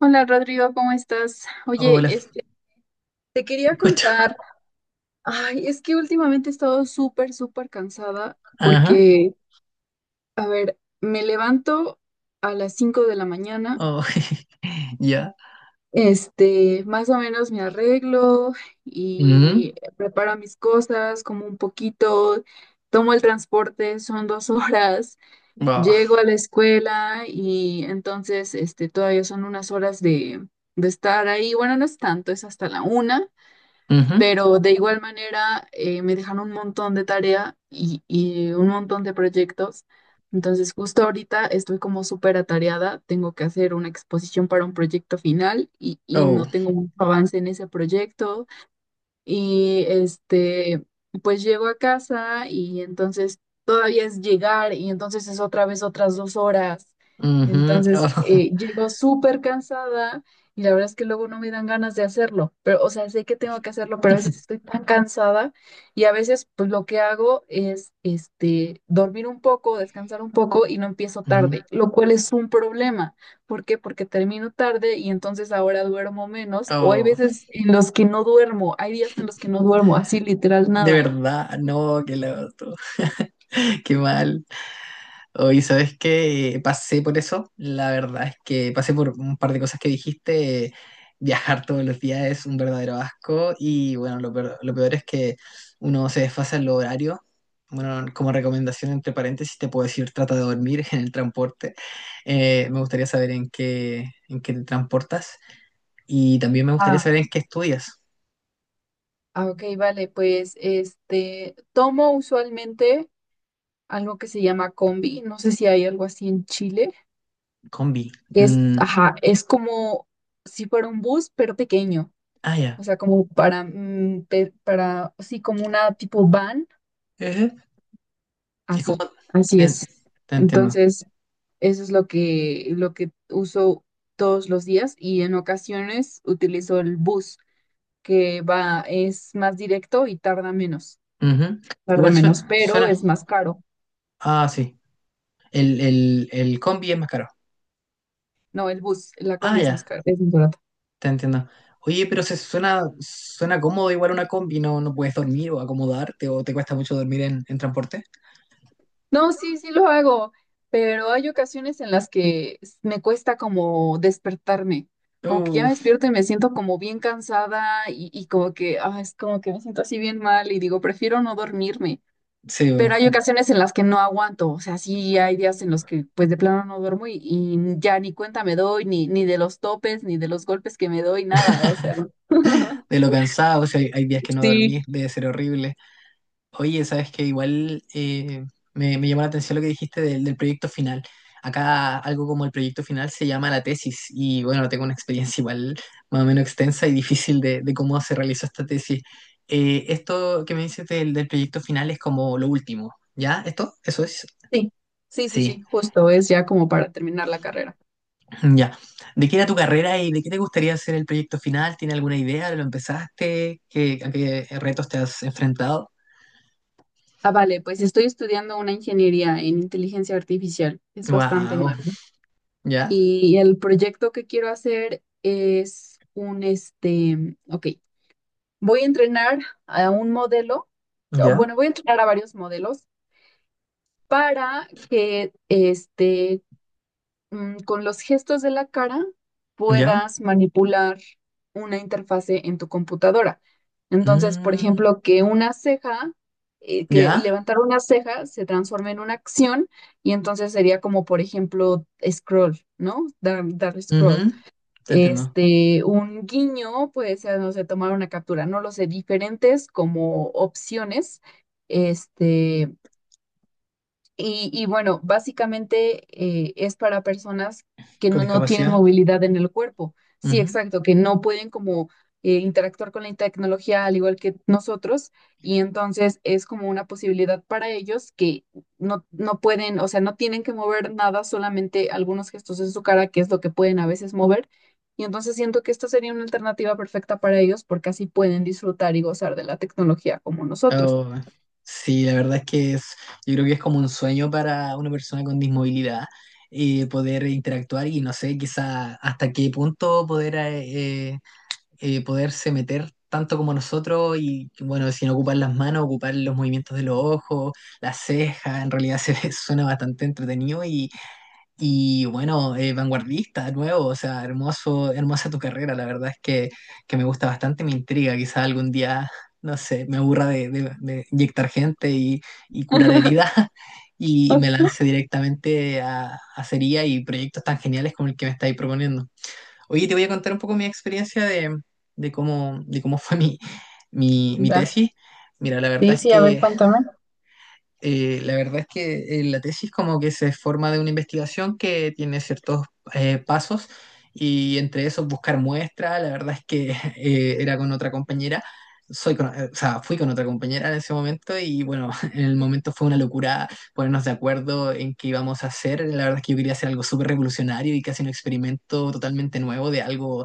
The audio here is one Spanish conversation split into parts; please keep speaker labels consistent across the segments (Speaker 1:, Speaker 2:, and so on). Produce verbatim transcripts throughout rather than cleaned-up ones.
Speaker 1: Hola Rodrigo, ¿cómo estás? Oye,
Speaker 2: Hola,
Speaker 1: este, te
Speaker 2: te
Speaker 1: quería
Speaker 2: escucho.
Speaker 1: contar, ay, es que últimamente he estado súper, súper cansada
Speaker 2: Ajá.
Speaker 1: porque, a ver, me levanto a las cinco de la mañana,
Speaker 2: Oh, ya.
Speaker 1: este, más o menos me arreglo
Speaker 2: Mhm.
Speaker 1: y preparo mis cosas, como un poquito, tomo el transporte, son dos horas,
Speaker 2: Wow.
Speaker 1: llego a la escuela y entonces, este, todavía son unas horas de, de estar ahí, bueno, no es tanto, es hasta la una.
Speaker 2: Mhm.
Speaker 1: Pero de igual manera eh, me dejan un montón de tarea y, y un montón de proyectos. Entonces justo ahorita estoy como súper atareada. Tengo que hacer una exposición para un proyecto final y, y
Speaker 2: Oh.
Speaker 1: no tengo mucho avance en ese proyecto. Y este, pues llego a casa y entonces todavía es llegar y entonces es otra vez otras dos horas.
Speaker 2: Mhm. Oh.
Speaker 1: Entonces eh, llego súper cansada y la verdad es que luego no me dan ganas de hacerlo. Pero, o sea, sé que tengo que hacerlo, pero a veces estoy tan cansada y a veces pues lo que hago es este, dormir un poco, descansar un poco y no empiezo
Speaker 2: Ujú.
Speaker 1: tarde, lo cual es un problema. ¿Por qué? Porque termino tarde y entonces ahora duermo menos. O hay
Speaker 2: Oh.
Speaker 1: veces en los que no duermo, hay días en los que no duermo, así literal
Speaker 2: De
Speaker 1: nada.
Speaker 2: verdad, no, qué loco. Qué mal. Oye, ¿sabes qué? Pasé por eso. La verdad es que pasé por un par de cosas que dijiste. Viajar todos los días es un verdadero asco y bueno, lo peor, lo peor es que uno se desfasa en los horarios. Bueno, como recomendación entre paréntesis te puedo decir trata de dormir en el transporte. Eh, me gustaría saber en qué, en qué te transportas y también me gustaría
Speaker 1: Ah,
Speaker 2: saber en qué estudias.
Speaker 1: ah, ok, vale, pues este, tomo usualmente algo que se llama combi, no sé si hay algo así en Chile,
Speaker 2: Combi.
Speaker 1: que es,
Speaker 2: Mm,
Speaker 1: ajá, es como si fuera un bus, pero pequeño,
Speaker 2: ah,
Speaker 1: o
Speaker 2: ya.
Speaker 1: sea, como para, mm, pe- para, sí, como una tipo van,
Speaker 2: Ejé. Es como,
Speaker 1: así, así
Speaker 2: eh,
Speaker 1: es.
Speaker 2: te entiendo.
Speaker 1: Entonces, eso es lo que, lo que uso todos los días y en ocasiones utilizo el bus, que va, es más directo y tarda menos,
Speaker 2: Ujú.
Speaker 1: tarda
Speaker 2: Igual
Speaker 1: menos,
Speaker 2: suena,
Speaker 1: pero
Speaker 2: suena
Speaker 1: es más caro.
Speaker 2: Ah, sí. El, el, el combi es más caro.
Speaker 1: No, el bus, la
Speaker 2: Ah,
Speaker 1: combi es más
Speaker 2: ya,
Speaker 1: caro, es más barato.
Speaker 2: te entiendo. Oye, pero se suena, suena cómodo igual una combi, no, no puedes dormir o acomodarte o te cuesta mucho dormir en, en transporte.
Speaker 1: No, sí, sí lo hago, pero hay ocasiones en las que s- me cuesta como despertarme, como que ya
Speaker 2: Uh,
Speaker 1: me despierto y me siento como bien cansada y, y como que, ah, es como que me siento así bien mal y digo, prefiero no dormirme.
Speaker 2: sí, bo.
Speaker 1: Pero hay ocasiones en las que no aguanto, o sea, sí hay días en los que pues de plano no duermo y, y ya ni cuenta me doy, ni, ni de los topes, ni de los golpes que me doy, nada, o sea.
Speaker 2: De lo cansado, si hay, hay días que no
Speaker 1: Sí.
Speaker 2: dormís, debe ser horrible. Oye, sabes que igual eh, me, me llamó la atención lo que dijiste del, del proyecto final. Acá algo como el proyecto final se llama la tesis y bueno, tengo una experiencia igual más o menos extensa y difícil de, de cómo se realizó esta tesis. Eh, esto que me dices del, del proyecto final es como lo último, ¿ya? ¿Esto? ¿Eso es?
Speaker 1: Sí, sí, sí, sí,
Speaker 2: Sí,
Speaker 1: justo, es ya como para terminar la carrera.
Speaker 2: mm, ya. ¿De qué era tu carrera y de qué te gustaría hacer el proyecto final? ¿Tiene alguna idea? ¿Lo empezaste? ¿Qué, a qué retos te has enfrentado?
Speaker 1: Ah, vale, pues estoy estudiando una ingeniería en inteligencia artificial, es bastante
Speaker 2: Wow,
Speaker 1: nuevo.
Speaker 2: ¿ya?
Speaker 1: Y el proyecto que quiero hacer es un, este, ok, voy a entrenar a un modelo, o,
Speaker 2: ¿Ya?
Speaker 1: bueno, voy a entrenar a varios modelos para que este, mm, con los gestos de la cara
Speaker 2: ¿Ya?
Speaker 1: puedas manipular una interfase en tu computadora. Entonces, por
Speaker 2: Mm,
Speaker 1: ejemplo, que una ceja, eh, que
Speaker 2: ya.
Speaker 1: levantar una ceja se transforme en una acción y entonces sería como, por ejemplo, scroll, ¿no? Dar, dar scroll.
Speaker 2: Ujú. Te entiendo.
Speaker 1: Este, un guiño puede ser, no sé, tomar una captura, no lo sé, diferentes como opciones, este y, y bueno, básicamente eh, es para personas que
Speaker 2: Con
Speaker 1: no, no tienen
Speaker 2: discapacidad.
Speaker 1: movilidad en el cuerpo. Sí,
Speaker 2: Ujú.
Speaker 1: exacto, que no pueden como eh, interactuar con la tecnología al igual que nosotros. Y entonces es como una posibilidad para ellos que no, no pueden, o sea, no tienen que mover nada, solamente algunos gestos en su cara, que es lo que pueden a veces mover. Y entonces siento que esta sería una alternativa perfecta para ellos porque así pueden disfrutar y gozar de la tecnología como nosotros.
Speaker 2: Oh, sí, la verdad es que es, yo creo que es como un sueño para una persona con dismovilidad, eh, poder interactuar y no sé, quizá hasta qué punto poder eh, eh, poderse meter tanto como nosotros y bueno, sin ocupar las manos, ocupar los movimientos de los ojos, las cejas, en realidad se suena bastante entretenido. y Y bueno, eh, vanguardista, nuevo, o sea, hermoso, hermosa tu carrera, la verdad es que, que me gusta bastante, me intriga, quizá algún día, no sé, me aburra de, de- de inyectar gente y, y curar heridas y me
Speaker 1: Ujú.
Speaker 2: lance directamente a, a cería y proyectos tan geniales como el que me estáis proponiendo. Oye, te voy a contar un poco mi experiencia de, de cómo, de cómo fue mi, mi, mi tesis. Mira, la verdad
Speaker 1: Sí,
Speaker 2: es
Speaker 1: sí, a ver,
Speaker 2: que
Speaker 1: cuéntame.
Speaker 2: eh, la verdad es que eh, la tesis como que se forma de una investigación que tiene ciertos eh, pasos y entre esos buscar muestras, la verdad es que eh, era con otra compañera, soy con- eh, o sea, fui con otra compañera en ese momento y bueno, en el momento fue una locura ponernos de acuerdo en qué íbamos a hacer, la verdad es que yo quería hacer algo súper revolucionario y casi un experimento totalmente nuevo de algo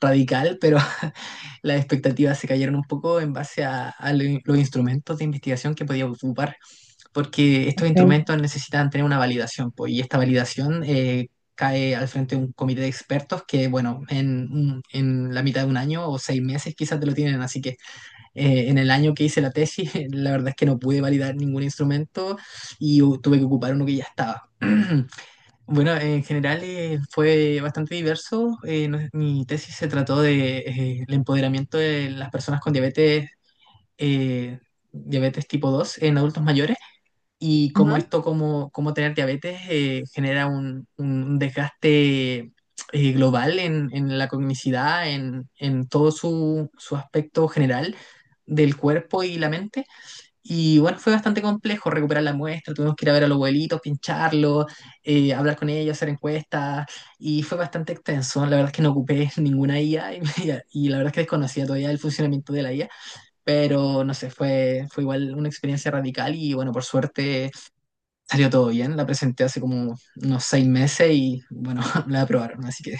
Speaker 2: radical, pero las expectativas se cayeron un poco en base a, a lo- los instrumentos de investigación que podía ocupar, porque estos
Speaker 1: Ok.
Speaker 2: instrumentos necesitan tener una validación, pues, y esta validación eh, cae al frente de un comité de expertos que, bueno, en, un- en la mitad de un año o seis meses quizás te lo tienen, así que eh, en el año que hice la tesis, la verdad es que no pude validar ningún instrumento y u- tuve que ocupar uno que ya estaba. Bueno, en general eh, fue bastante diverso. Eh, no- mi tesis se trató de eh, el empoderamiento de las personas con diabetes, eh, diabetes tipo dos en adultos mayores y como
Speaker 1: Ujú.
Speaker 2: esto, como, como tener diabetes, eh, genera un, un, desgaste eh, global en, en la cognicidad, en, en todo su, su aspecto general del cuerpo y la mente. Y bueno, fue bastante complejo recuperar la muestra, tuvimos que ir a ver a los abuelitos, pincharlos, eh, hablar con ellos, hacer encuestas, y fue bastante extenso. La verdad es que no ocupé ninguna I A y, me- y la verdad es que desconocía todavía el funcionamiento de la I A, pero no sé, fue, fue igual una experiencia radical y bueno, por suerte salió todo bien, la presenté hace como unos seis meses y bueno, la aprobaron, así que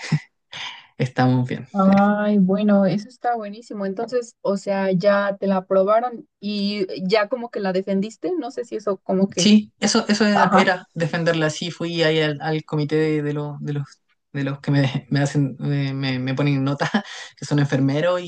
Speaker 2: estamos bien.
Speaker 1: Ay, bueno, eso está buenísimo. Entonces, o sea, ya te la aprobaron y ya como que la defendiste. No sé si eso como que...
Speaker 2: Sí, eso, eso era,
Speaker 1: Ajá.
Speaker 2: era defenderla así, fui ahí al, al comité de, de, lo- de los de los que me, me hacen, me, me- me ponen nota, que son enfermeros.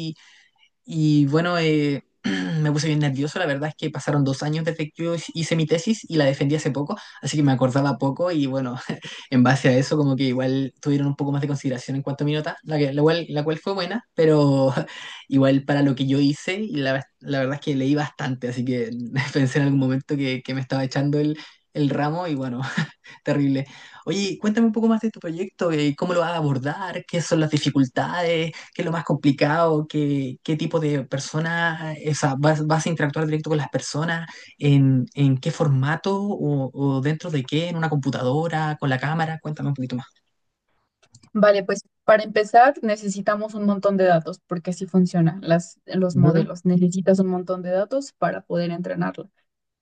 Speaker 2: Y bueno, eh, me puse bien nervioso. La verdad es que pasaron dos años desde que yo hice mi tesis y la defendí hace poco, así que me acordaba poco y bueno, en base a eso como que igual tuvieron un poco más de consideración en cuanto a mi nota, la, que, la, cual, la cual fue buena, pero igual para lo que yo hice, y la, la verdad es que leí bastante, así que pensé en algún momento que, que me estaba echando el, el ramo y bueno, terrible. Oye, cuéntame un poco más de tu proyecto, eh, cómo lo vas a abordar, qué son las dificultades, qué es lo más complicado, qué, qué tipo de personas, eh, o sea, vas, vas a interactuar directo con las personas, en, en qué formato o, o dentro de qué, en una computadora, con la cámara, cuéntame un poquito más.
Speaker 1: Vale, pues para empezar necesitamos un montón de datos porque así funcionan las, los
Speaker 2: Ujú.
Speaker 1: modelos. Necesitas un montón de datos para poder entrenarlos.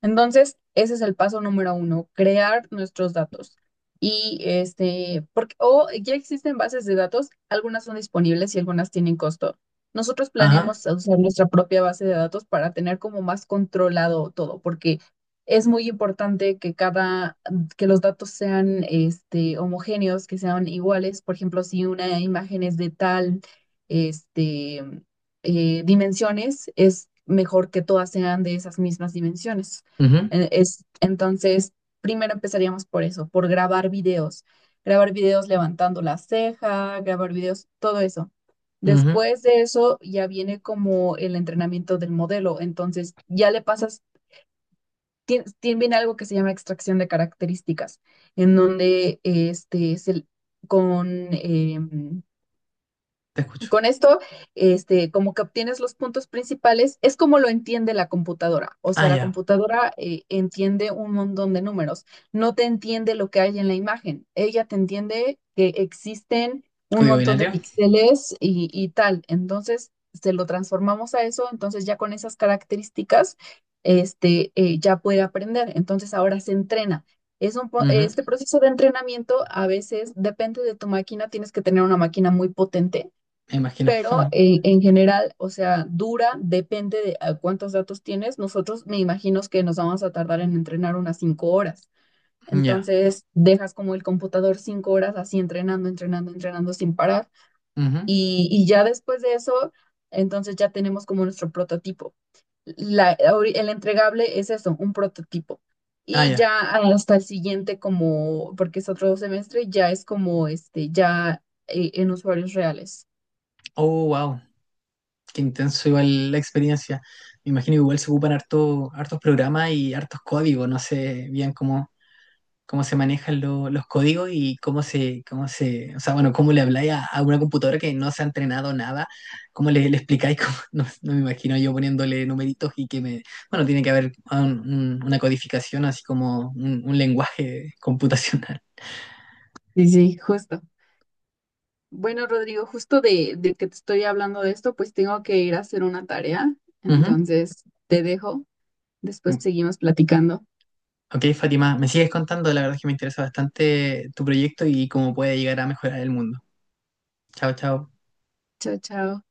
Speaker 1: Entonces, ese es el paso número uno, crear nuestros datos. Y este, porque, o ya existen bases de datos, algunas son disponibles y algunas tienen costo. Nosotros
Speaker 2: Ajá,
Speaker 1: planeamos usar nuestra propia base de datos para tener como más controlado todo, porque es muy importante que cada, que los datos sean este, homogéneos, que sean iguales. Por ejemplo, si una imagen es de tal, este, eh, dimensiones, es mejor que todas sean de esas mismas dimensiones.
Speaker 2: ujú,
Speaker 1: Eh, Es, entonces, primero empezaríamos por eso, por grabar videos. Grabar videos levantando la ceja, grabar videos, todo eso.
Speaker 2: ujú.
Speaker 1: Después de eso ya viene como el entrenamiento del modelo. Entonces, ya le pasas, tiene, viene algo que se llama extracción de características, en donde este, se- con, em,
Speaker 2: Te escucho.
Speaker 1: con esto, este, como que obtienes los puntos principales, es como lo entiende la computadora. O
Speaker 2: Ah,
Speaker 1: sea, la
Speaker 2: ya,
Speaker 1: computadora eh, entiende un montón de números. No te entiende lo que hay en la imagen. Ella te entiende que existen un
Speaker 2: código
Speaker 1: montón de
Speaker 2: binario.
Speaker 1: píxeles y, y tal. Entonces, se lo transformamos a eso. Entonces, ya con esas características, este, eh, ya puede aprender. Entonces, ahora se entrena. Es un, po-
Speaker 2: Ujú.
Speaker 1: este proceso de entrenamiento a veces depende de tu máquina, tienes que tener una máquina muy potente
Speaker 2: Me imagino.
Speaker 1: pero eh, en general, o sea, dura, depende de a cuántos datos tienes. Nosotros me imagino que nos vamos a tardar en entrenar unas cinco horas.
Speaker 2: Ya.
Speaker 1: Entonces, dejas como el computador cinco horas así entrenando, entrenando, entrenando sin parar.
Speaker 2: Ujú.
Speaker 1: Y, y ya después de eso, entonces ya tenemos como nuestro prototipo. La, ahori- el entregable es eso, un prototipo.
Speaker 2: Ah,
Speaker 1: Y
Speaker 2: ya.
Speaker 1: ya hasta el siguiente, como, porque es otro semestre, ya es como este, ya eh, en usuarios reales.
Speaker 2: Oh, wow. Qué intenso igual la experiencia. Me imagino que igual se ocupan harto, hartos programas y hartos códigos. No sé bien cómo, cómo se manejan lo- los códigos y cómo se, cómo se, o sea, bueno, cómo le habláis a, a una computadora que no se ha entrenado nada, cómo le, le explicáis, cómo- no, no me imagino yo poniéndole numeritos y que me, bueno, tiene que haber un- un- una codificación, así como un, un lenguaje computacional.
Speaker 1: Sí, sí, justo. Bueno, Rodrigo, justo de, de que te estoy hablando de esto, pues tengo que ir a hacer una tarea. Entonces, te dejo. Después
Speaker 2: Ujú.
Speaker 1: seguimos platicando.
Speaker 2: Ok, Fátima, me sigues contando, la verdad es que me interesa bastante tu proyecto y cómo puede llegar a mejorar el mundo. Chao, chao.
Speaker 1: Chao, chao.